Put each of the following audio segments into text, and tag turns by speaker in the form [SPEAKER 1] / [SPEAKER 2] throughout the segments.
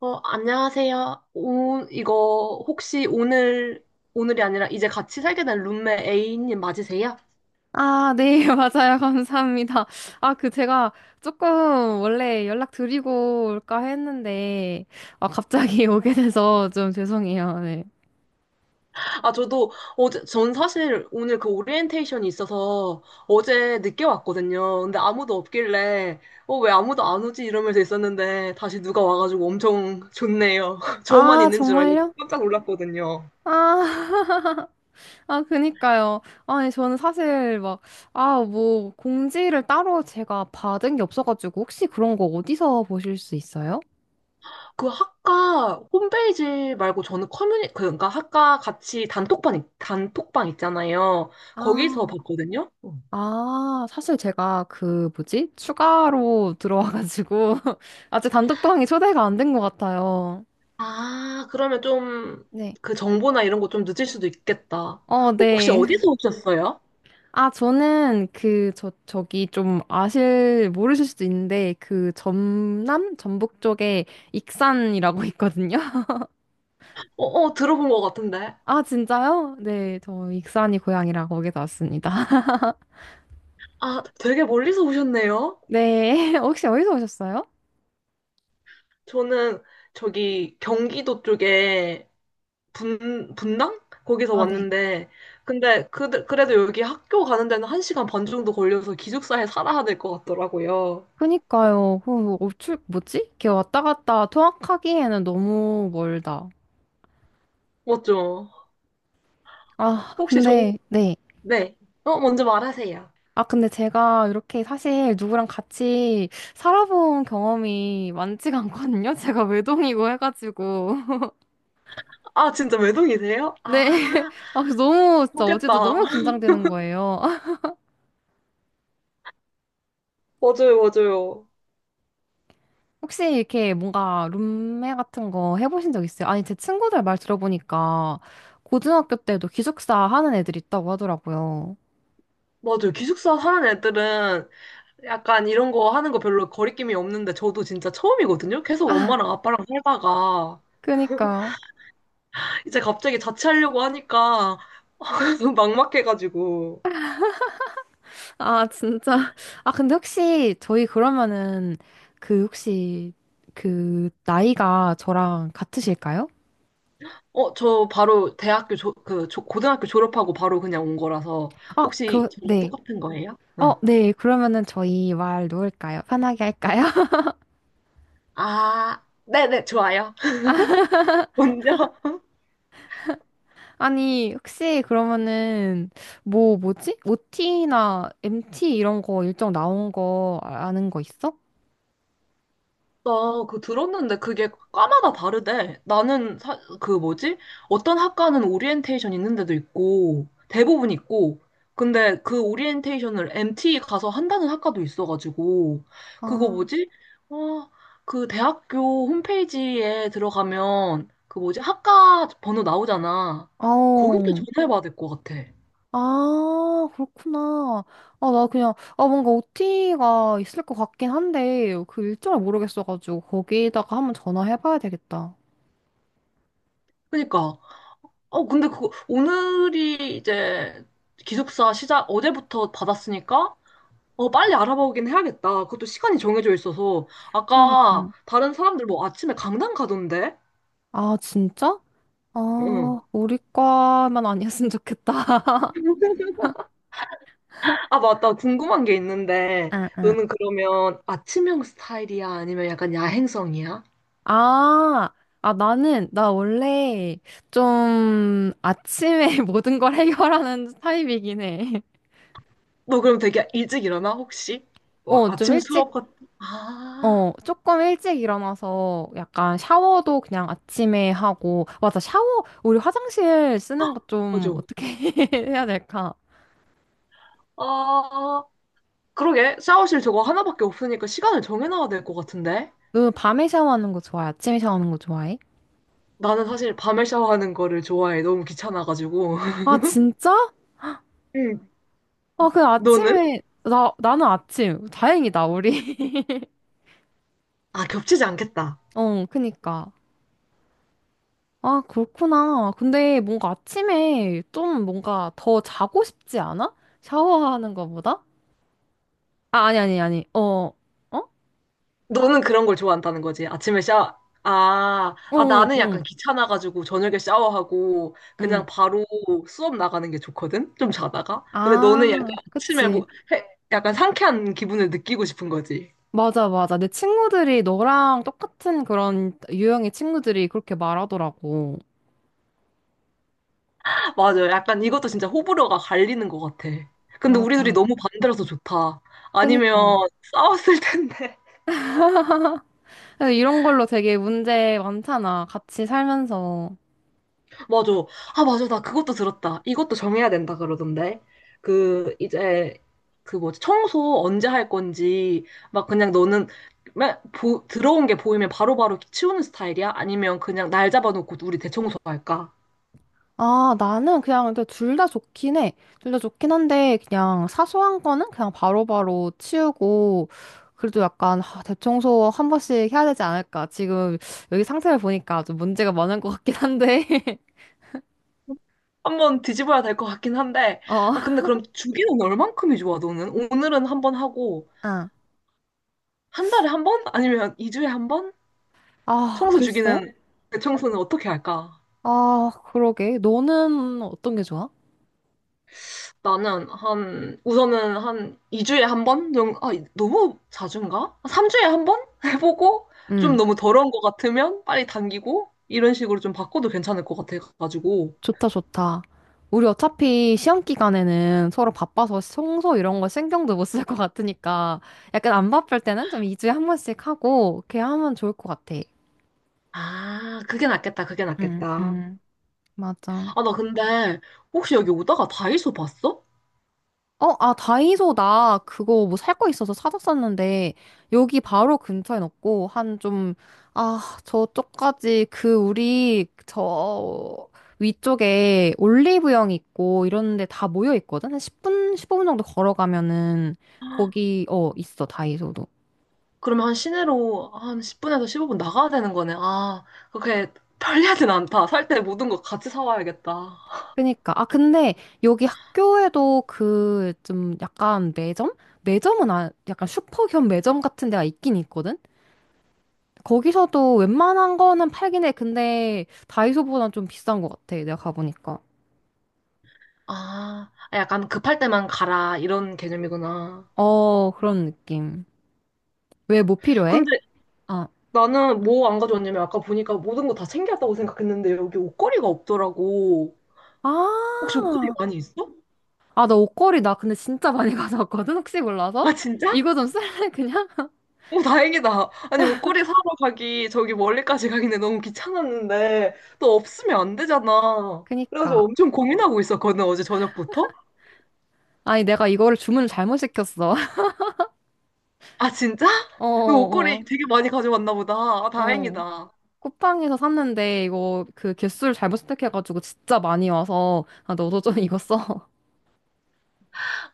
[SPEAKER 1] 어, 안녕하세요. 오, 이거 혹시 오늘, 오늘이 아니라 이제 같이 살게 된 룸메 A님 맞으세요?
[SPEAKER 2] 아, 네, 맞아요. 감사합니다. 아, 그 제가 조금 원래 연락드리고 올까 했는데, 아, 갑자기 오게 돼서 좀 죄송해요. 네.
[SPEAKER 1] 아, 저도 어제, 전 사실 오늘 그 오리엔테이션이 있어서 어제 늦게 왔거든요. 근데 아무도 없길래, 어, 왜 아무도 안 오지? 이러면서 있었는데 다시 누가 와가지고 엄청 좋네요. 저만
[SPEAKER 2] 아,
[SPEAKER 1] 있는 줄 알고
[SPEAKER 2] 정말요?
[SPEAKER 1] 깜짝 놀랐거든요.
[SPEAKER 2] 아, 아, 그니까요. 아니, 저는 사실 막, 아, 뭐, 공지를 따로 제가 받은 게 없어가지고, 혹시 그런 거 어디서 보실 수 있어요?
[SPEAKER 1] 그 학과 홈페이지 말고 저는 그러니까 학과 같이 단톡방, 단톡방 있잖아요. 거기서
[SPEAKER 2] 아.
[SPEAKER 1] 봤거든요. 어.
[SPEAKER 2] 아, 사실 제가 그 뭐지? 추가로 들어와가지고 아직 단독 방이 초대가 안 된 것 같아요.
[SPEAKER 1] 아, 그러면 좀
[SPEAKER 2] 네.
[SPEAKER 1] 그 정보나 이런 거 좀 늦을 수도 있겠다.
[SPEAKER 2] 어,
[SPEAKER 1] 혹시
[SPEAKER 2] 네.
[SPEAKER 1] 어디서 오셨어요?
[SPEAKER 2] 아, 저는 그, 저, 저기 좀 아실, 모르실 수도 있는데, 그 전남? 전북 쪽에 익산이라고 있거든요.
[SPEAKER 1] 어, 어, 들어본 것 같은데.
[SPEAKER 2] 아, 진짜요? 네, 저 익산이 고향이라 거기서 왔습니다.
[SPEAKER 1] 아, 되게 멀리서 오셨네요.
[SPEAKER 2] 네, 혹시 어디서 오셨어요?
[SPEAKER 1] 저는 저기 경기도 쪽에 분당? 거기서
[SPEAKER 2] 아, 네.
[SPEAKER 1] 왔는데, 근데 그래도 여기 학교 가는 데는 1시간 반 정도 걸려서 기숙사에 살아야 될 것 같더라고요.
[SPEAKER 2] 그니까요. 그, 뭐 어출, 뭐지? 이렇게 왔다 갔다 통학하기에는 너무 멀다.
[SPEAKER 1] 맞죠?
[SPEAKER 2] 아,
[SPEAKER 1] 혹시 전,
[SPEAKER 2] 근데, 네.
[SPEAKER 1] 네. 어, 먼저 말하세요.
[SPEAKER 2] 아, 근데 제가 이렇게 사실 누구랑 같이 살아본 경험이 많지가 않거든요. 제가 외동이고 해가지고.
[SPEAKER 1] 아, 진짜 외동이세요?
[SPEAKER 2] 네.
[SPEAKER 1] 아,
[SPEAKER 2] 아, 그래서 너무, 진짜
[SPEAKER 1] 좋겠다.
[SPEAKER 2] 어제도 너무 긴장되는 거예요.
[SPEAKER 1] 맞아요, 맞아요.
[SPEAKER 2] 혹시 이렇게 뭔가 룸메 같은 거 해보신 적 있어요? 아니, 제 친구들 말 들어보니까 고등학교 때도 기숙사 하는 애들 있다고 하더라고요.
[SPEAKER 1] 맞아요. 기숙사 사는 애들은 약간 이런 거 하는 거 별로 거리낌이 없는데 저도 진짜 처음이거든요. 계속 엄마랑 아빠랑 살다가
[SPEAKER 2] 그니까요.
[SPEAKER 1] 이제 갑자기 자취하려고 하니까 막막해가지고.
[SPEAKER 2] 아, 진짜. 아, 근데 혹시 저희 그러면은 그 혹시 그 나이가 저랑 같으실까요?
[SPEAKER 1] 어, 저 바로 대학교 고등학교 졸업하고 바로 그냥 온 거라서
[SPEAKER 2] 어,
[SPEAKER 1] 혹시
[SPEAKER 2] 그,
[SPEAKER 1] 저랑
[SPEAKER 2] 네.
[SPEAKER 1] 똑같은 거예요?
[SPEAKER 2] 어,
[SPEAKER 1] 응.
[SPEAKER 2] 네. 그러면은 저희 말 놓을까요? 편하게 할까요?
[SPEAKER 1] 아, 네네, 좋아요. 먼저
[SPEAKER 2] 아니, 혹시 그러면은 뭐, 뭐지? OT나 MT 이런 거 일정 나온 거 아는 거 있어?
[SPEAKER 1] 나 그 들었는데 그게 과마다 다르대. 나는 그 뭐지? 어떤 학과는 오리엔테이션 있는 데도 있고 대부분 있고 근데 그 오리엔테이션을 MT 가서 한다는 학과도 있어가지고 그거
[SPEAKER 2] 아,
[SPEAKER 1] 뭐지? 어, 그 대학교 홈페이지에 들어가면 그 뭐지? 학과 번호 나오잖아. 거기다
[SPEAKER 2] 어.
[SPEAKER 1] 전화해봐야 될 것 같아.
[SPEAKER 2] 아, 그렇구나. 아, 나 그냥, 아, 뭔가 OT가 있을 것 같긴 한데, 그 일정을 모르겠어가지고, 거기다가 한번 전화해봐야 되겠다.
[SPEAKER 1] 그니까 어 근데 그 오늘이 이제 기숙사 시작 어제부터 받았으니까 어, 빨리 알아보긴 해야겠다. 그것도 시간이 정해져 있어서. 아까
[SPEAKER 2] 그러니까.
[SPEAKER 1] 다른 사람들 뭐 아침에 강당 가던데?
[SPEAKER 2] 아, 진짜?
[SPEAKER 1] 응.
[SPEAKER 2] 아, 우리 과만 아니었으면 좋겠다.
[SPEAKER 1] 아, 맞다. 궁금한 게 있는데,
[SPEAKER 2] 응, 응.
[SPEAKER 1] 너는 그러면 아침형 스타일이야? 아니면 약간 야행성이야?
[SPEAKER 2] 아, 아, 나 원래 좀 아침에 모든 걸 해결하는 타입이긴 해.
[SPEAKER 1] 너 그럼 되게 일찍 일어나, 혹시? 뭐,
[SPEAKER 2] 어, 좀
[SPEAKER 1] 아침
[SPEAKER 2] 일찍
[SPEAKER 1] 수업 같, 아,
[SPEAKER 2] 어, 조금 일찍 일어나서 약간 샤워도 그냥 아침에 하고, 맞아, 샤워, 우리 화장실 쓰는 거 좀
[SPEAKER 1] 맞아.
[SPEAKER 2] 어떻게 해야 될까?
[SPEAKER 1] 아, 그러게. 샤워실 저거 하나밖에 없으니까 시간을 정해놔야 될 것 같은데?
[SPEAKER 2] 너 밤에 샤워하는 거 좋아해? 아침에 샤워하는 거 좋아해?
[SPEAKER 1] 나는 사실 밤에 샤워하는 거를 좋아해. 너무 귀찮아가지고.
[SPEAKER 2] 아, 진짜?
[SPEAKER 1] 응.
[SPEAKER 2] 아, 그
[SPEAKER 1] 너는?
[SPEAKER 2] 아침에, 나는 아침. 다행이다, 우리.
[SPEAKER 1] 아, 겹치지 않겠다.
[SPEAKER 2] 어, 그니까. 아, 그렇구나. 근데 뭔가 아침에 좀 뭔가 더 자고 싶지 않아? 샤워하는 거보다? 아, 아니, 아니, 아니. 어, 어?
[SPEAKER 1] 너는 그런 걸 좋아한다는 거지. 아침에 샤워. 아, 아,
[SPEAKER 2] 응,
[SPEAKER 1] 나는
[SPEAKER 2] 응,
[SPEAKER 1] 약간 귀찮아가지고 저녁에 샤워하고
[SPEAKER 2] 응.
[SPEAKER 1] 그냥 바로 수업 나가는 게 좋거든? 좀 자다가. 근데 너는 약간
[SPEAKER 2] 아,
[SPEAKER 1] 아침에
[SPEAKER 2] 그치.
[SPEAKER 1] 뭐, 해, 약간 상쾌한 기분을 느끼고 싶은 거지.
[SPEAKER 2] 맞아, 맞아. 내 친구들이 너랑 똑같은 그런 유형의 친구들이 그렇게 말하더라고.
[SPEAKER 1] 맞아. 약간 이것도 진짜 호불호가 갈리는 것 같아. 근데 우리 둘이
[SPEAKER 2] 맞아.
[SPEAKER 1] 너무 반대라서 좋다. 아니면
[SPEAKER 2] 그니까.
[SPEAKER 1] 싸웠을 텐데.
[SPEAKER 2] 근데 이런 걸로 되게 문제 많잖아. 같이 살면서.
[SPEAKER 1] 맞아. 아, 맞아. 나 그것도 들었다. 이것도 정해야 된다 그러던데. 그, 이제, 그 뭐지, 청소 언제 할 건지, 막 그냥 너는, 맨 들어온 게 보이면 바로바로 치우는 스타일이야? 아니면 그냥 날 잡아놓고 우리 대청소 할까?
[SPEAKER 2] 아, 나는 그냥 둘 다 좋긴 해. 둘 다 좋긴 한데, 그냥 사소한 거는 그냥 바로바로 치우고, 그래도 약간 아, 대청소 한 번씩 해야 되지 않을까. 지금 여기 상태를 보니까 좀 문제가 많은 것 같긴 한데.
[SPEAKER 1] 한번 뒤집어야 될 것 같긴 한데.
[SPEAKER 2] 어.
[SPEAKER 1] 아, 근데 그럼 주기는 얼만큼이 좋아, 너는? 오늘은 한번 하고,
[SPEAKER 2] 아,
[SPEAKER 1] 한 달에 한 번? 아니면 이주에한 번?
[SPEAKER 2] 아,
[SPEAKER 1] 청소
[SPEAKER 2] 글쎄.
[SPEAKER 1] 주기는, 대청소는 어떻게 할까?
[SPEAKER 2] 아, 그러게. 너는 어떤 게 좋아?
[SPEAKER 1] 나는 한, 우선은 한 2주에 한 번? 정도? 아, 너무 자주인가? 3주에 한 번? 해보고, 좀
[SPEAKER 2] 응,
[SPEAKER 1] 너무 더러운 것 같으면 빨리 당기고, 이런 식으로 좀 바꿔도 괜찮을 것 같아가지고.
[SPEAKER 2] 좋다, 좋다. 우리 어차피 시험 기간에는 서로 바빠서 청소 이런 거 신경도 못 쓸 것 같으니까 약간 안 바쁠 때는 좀 2주에 한 번씩 하고 이렇게 하면 좋을 것 같아.
[SPEAKER 1] 아, 그게 낫겠다, 그게
[SPEAKER 2] 응,
[SPEAKER 1] 낫겠다.
[SPEAKER 2] 응. 맞아.
[SPEAKER 1] 아, 나 근데, 혹시 여기 오다가 다이소 봤어?
[SPEAKER 2] 어, 아, 다이소 나 그거 뭐 살 거 있어서 사놨었는데 여기 바로 근처엔 없고 한 좀, 아, 저쪽까지 그 우리 저 위쪽에 올리브영 있고 이런 데 다 모여 있거든? 한 10분, 15분 정도 걸어가면은 거기, 어, 있어, 다이소도.
[SPEAKER 1] 그러면 한 시내로 한 10분에서 15분 나가야 되는 거네. 아, 그렇게 편리하진 않다. 살 때 모든 거 같이 사와야겠다.
[SPEAKER 2] 그니까. 아, 근데 여기 학교에도 그 좀 약간 매점? 매점은 아, 약간 슈퍼 겸 매점 같은 데가 있긴 있거든? 거기서도 웬만한 거는 팔긴 해. 근데 다이소보단 좀 비싼 것 같아. 내가 가보니까.
[SPEAKER 1] 아, 약간 급할 때만 가라, 이런 개념이구나.
[SPEAKER 2] 어, 그런 느낌. 왜 뭐 필요해?
[SPEAKER 1] 근데
[SPEAKER 2] 아,
[SPEAKER 1] 나는 뭐 안 가져왔냐면 아까 보니까 모든 거 다 챙겨왔다고 생각했는데 여기 옷걸이가 없더라고. 혹시 옷걸이
[SPEAKER 2] 아,
[SPEAKER 1] 많이 있어?
[SPEAKER 2] 아, 나 옷걸이 나 근데 진짜 많이 가져왔거든? 혹시 몰라서?
[SPEAKER 1] 아, 진짜?
[SPEAKER 2] 이거 좀 쓸래, 그냥?
[SPEAKER 1] 오, 다행이다. 아니, 옷걸이 사러 가기 저기 멀리까지 가기는 너무 귀찮았는데 또 없으면 안 되잖아. 그래가지고
[SPEAKER 2] 그니까.
[SPEAKER 1] 엄청 고민하고 있었거든, 어제 저녁부터.
[SPEAKER 2] 아니, 내가 이거를 주문을 잘못 시켰어.
[SPEAKER 1] 아, 진짜?
[SPEAKER 2] 어,
[SPEAKER 1] 너
[SPEAKER 2] 어,
[SPEAKER 1] 옷걸이 되게 많이 가져왔나 보다. 아,
[SPEAKER 2] 어.
[SPEAKER 1] 다행이다.
[SPEAKER 2] 쿠팡에서 샀는데 이거 그 개수를 잘못 선택해가지고 진짜 많이 와서 아, 너도 좀 이거 써.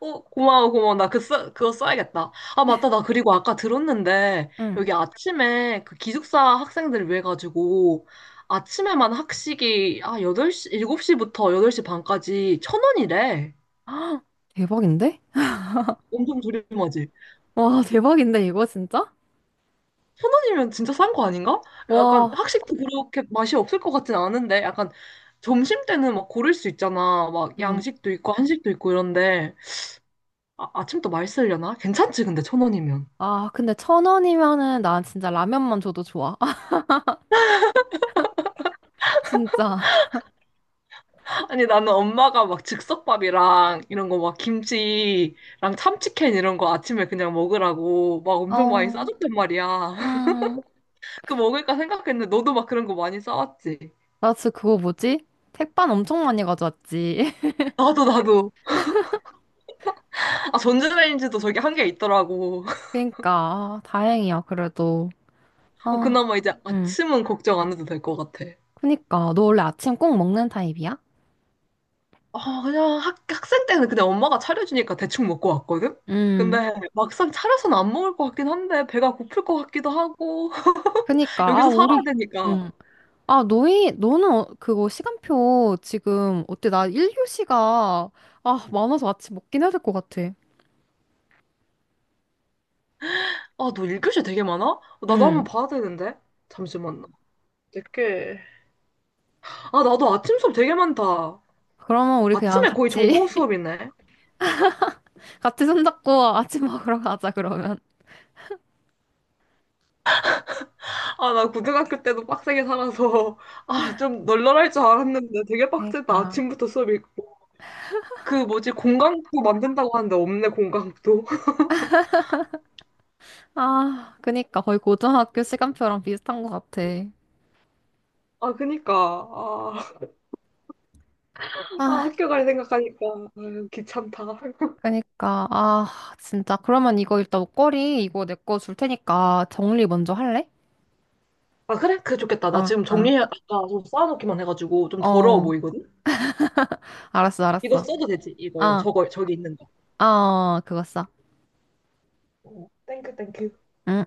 [SPEAKER 1] 어, 고마워, 고마워. 나 그, 그거 써야겠다. 아, 맞다. 나 그리고 아까 들었는데,
[SPEAKER 2] 응.
[SPEAKER 1] 여기 아침에 그 기숙사 학생들 을 위해 가지고, 아침에만 학식이, 아, 8시 7시부터 8시 반까지 1,000원이래.
[SPEAKER 2] 대박인데?
[SPEAKER 1] 엄청 저렴하지?
[SPEAKER 2] 와, 대박인데, 이거 진짜?
[SPEAKER 1] 1,000원이면 진짜 싼 거 아닌가? 약간
[SPEAKER 2] 와.
[SPEAKER 1] 학식도 그렇게 맛이 없을 것 같진 않은데, 약간 점심 때는 막 고를 수 있잖아. 막
[SPEAKER 2] 응.
[SPEAKER 1] 양식도 있고, 한식도 있고 이런데, 아, 아침도 맛있으려나? 괜찮지, 근데 1,000원이면.
[SPEAKER 2] 아, 근데 천 원이면은 난 진짜 라면만 줘도 좋아. 진짜.
[SPEAKER 1] 아니, 나는 엄마가 막 즉석밥이랑 이런 거 막 김치랑 참치캔 이런 거 아침에 그냥 먹으라고 막 엄청 많이
[SPEAKER 2] 어,
[SPEAKER 1] 싸줬단 말이야.
[SPEAKER 2] 음.
[SPEAKER 1] 그 먹을까 생각했는데 너도 막 그런 거 많이 싸왔지?
[SPEAKER 2] 나 진짜 그거 뭐지? 택반 엄청 많이 가져왔지.
[SPEAKER 1] 나도, 나도. 아, 전자레인지도 저기 한 개 있더라고.
[SPEAKER 2] 그니까, 아, 다행이야, 그래도.
[SPEAKER 1] 어,
[SPEAKER 2] 아,
[SPEAKER 1] 그나마 이제
[SPEAKER 2] 응.
[SPEAKER 1] 아침은 걱정 안 해도 될 것 같아.
[SPEAKER 2] 그니까, 너 원래 아침 꼭 먹는 타입이야?
[SPEAKER 1] 아, 그냥 학생 때는 그냥 엄마가 차려주니까 대충 먹고 왔거든?
[SPEAKER 2] 음.
[SPEAKER 1] 근데 막상 차려서는 안 먹을 것 같긴 한데 배가 고플 것 같기도 하고
[SPEAKER 2] 그니까, 아,
[SPEAKER 1] 여기서 살아야
[SPEAKER 2] 우리,
[SPEAKER 1] 되니까
[SPEAKER 2] 응. 아, 너희, 너는 어- 그거 시간표 지금, 어때? 나 일교시가 아, 많아서 아침 먹긴 해야 될 것 같아.
[SPEAKER 1] 아, 너 1교시 되게 많아? 나도 한번
[SPEAKER 2] 응.
[SPEAKER 1] 봐야 되는데. 잠시만. 늦게. 아, 나도 아침 수업 되게 많다.
[SPEAKER 2] 그러면 우리 그냥
[SPEAKER 1] 아침에 거의
[SPEAKER 2] 같이
[SPEAKER 1] 전공 수업이네.
[SPEAKER 2] 같이 손잡고 아침 먹으러 가자, 그러면.
[SPEAKER 1] 아, 나 고등학교 때도 빡세게 살아서, 아, 좀 널널할 줄 알았는데 되게 빡세다.
[SPEAKER 2] 그니까.
[SPEAKER 1] 아침부터 수업이 있고. 그 뭐지, 공강도 만든다고 하는데 없네, 공강도.
[SPEAKER 2] 아, 그니까 거의 고등학교 시간표랑 비슷한 것 같아.
[SPEAKER 1] 아, 그니까. 아, 아,
[SPEAKER 2] 아,
[SPEAKER 1] 학교 갈 생각하니까. 아유, 귀찮다.
[SPEAKER 2] 그니까. 아, 진짜. 그러면 이거 일단 목걸이 이거 내 거 줄 테니까 정리 먼저 할래?
[SPEAKER 1] 아, 그래? 그게 좋겠다. 나
[SPEAKER 2] 아,
[SPEAKER 1] 지금
[SPEAKER 2] 아.
[SPEAKER 1] 정리해, 아까 좀 쌓아놓기만 해가지고 좀 더러워
[SPEAKER 2] 어.
[SPEAKER 1] 보이거든?
[SPEAKER 2] 알았어,
[SPEAKER 1] 이거
[SPEAKER 2] 알았어.
[SPEAKER 1] 써도 되지? 이거, 이거.
[SPEAKER 2] 아,
[SPEAKER 1] 저거, 저기 있는 거.
[SPEAKER 2] 아, 그거 써.
[SPEAKER 1] 어, 땡큐, 땡큐.
[SPEAKER 2] 응?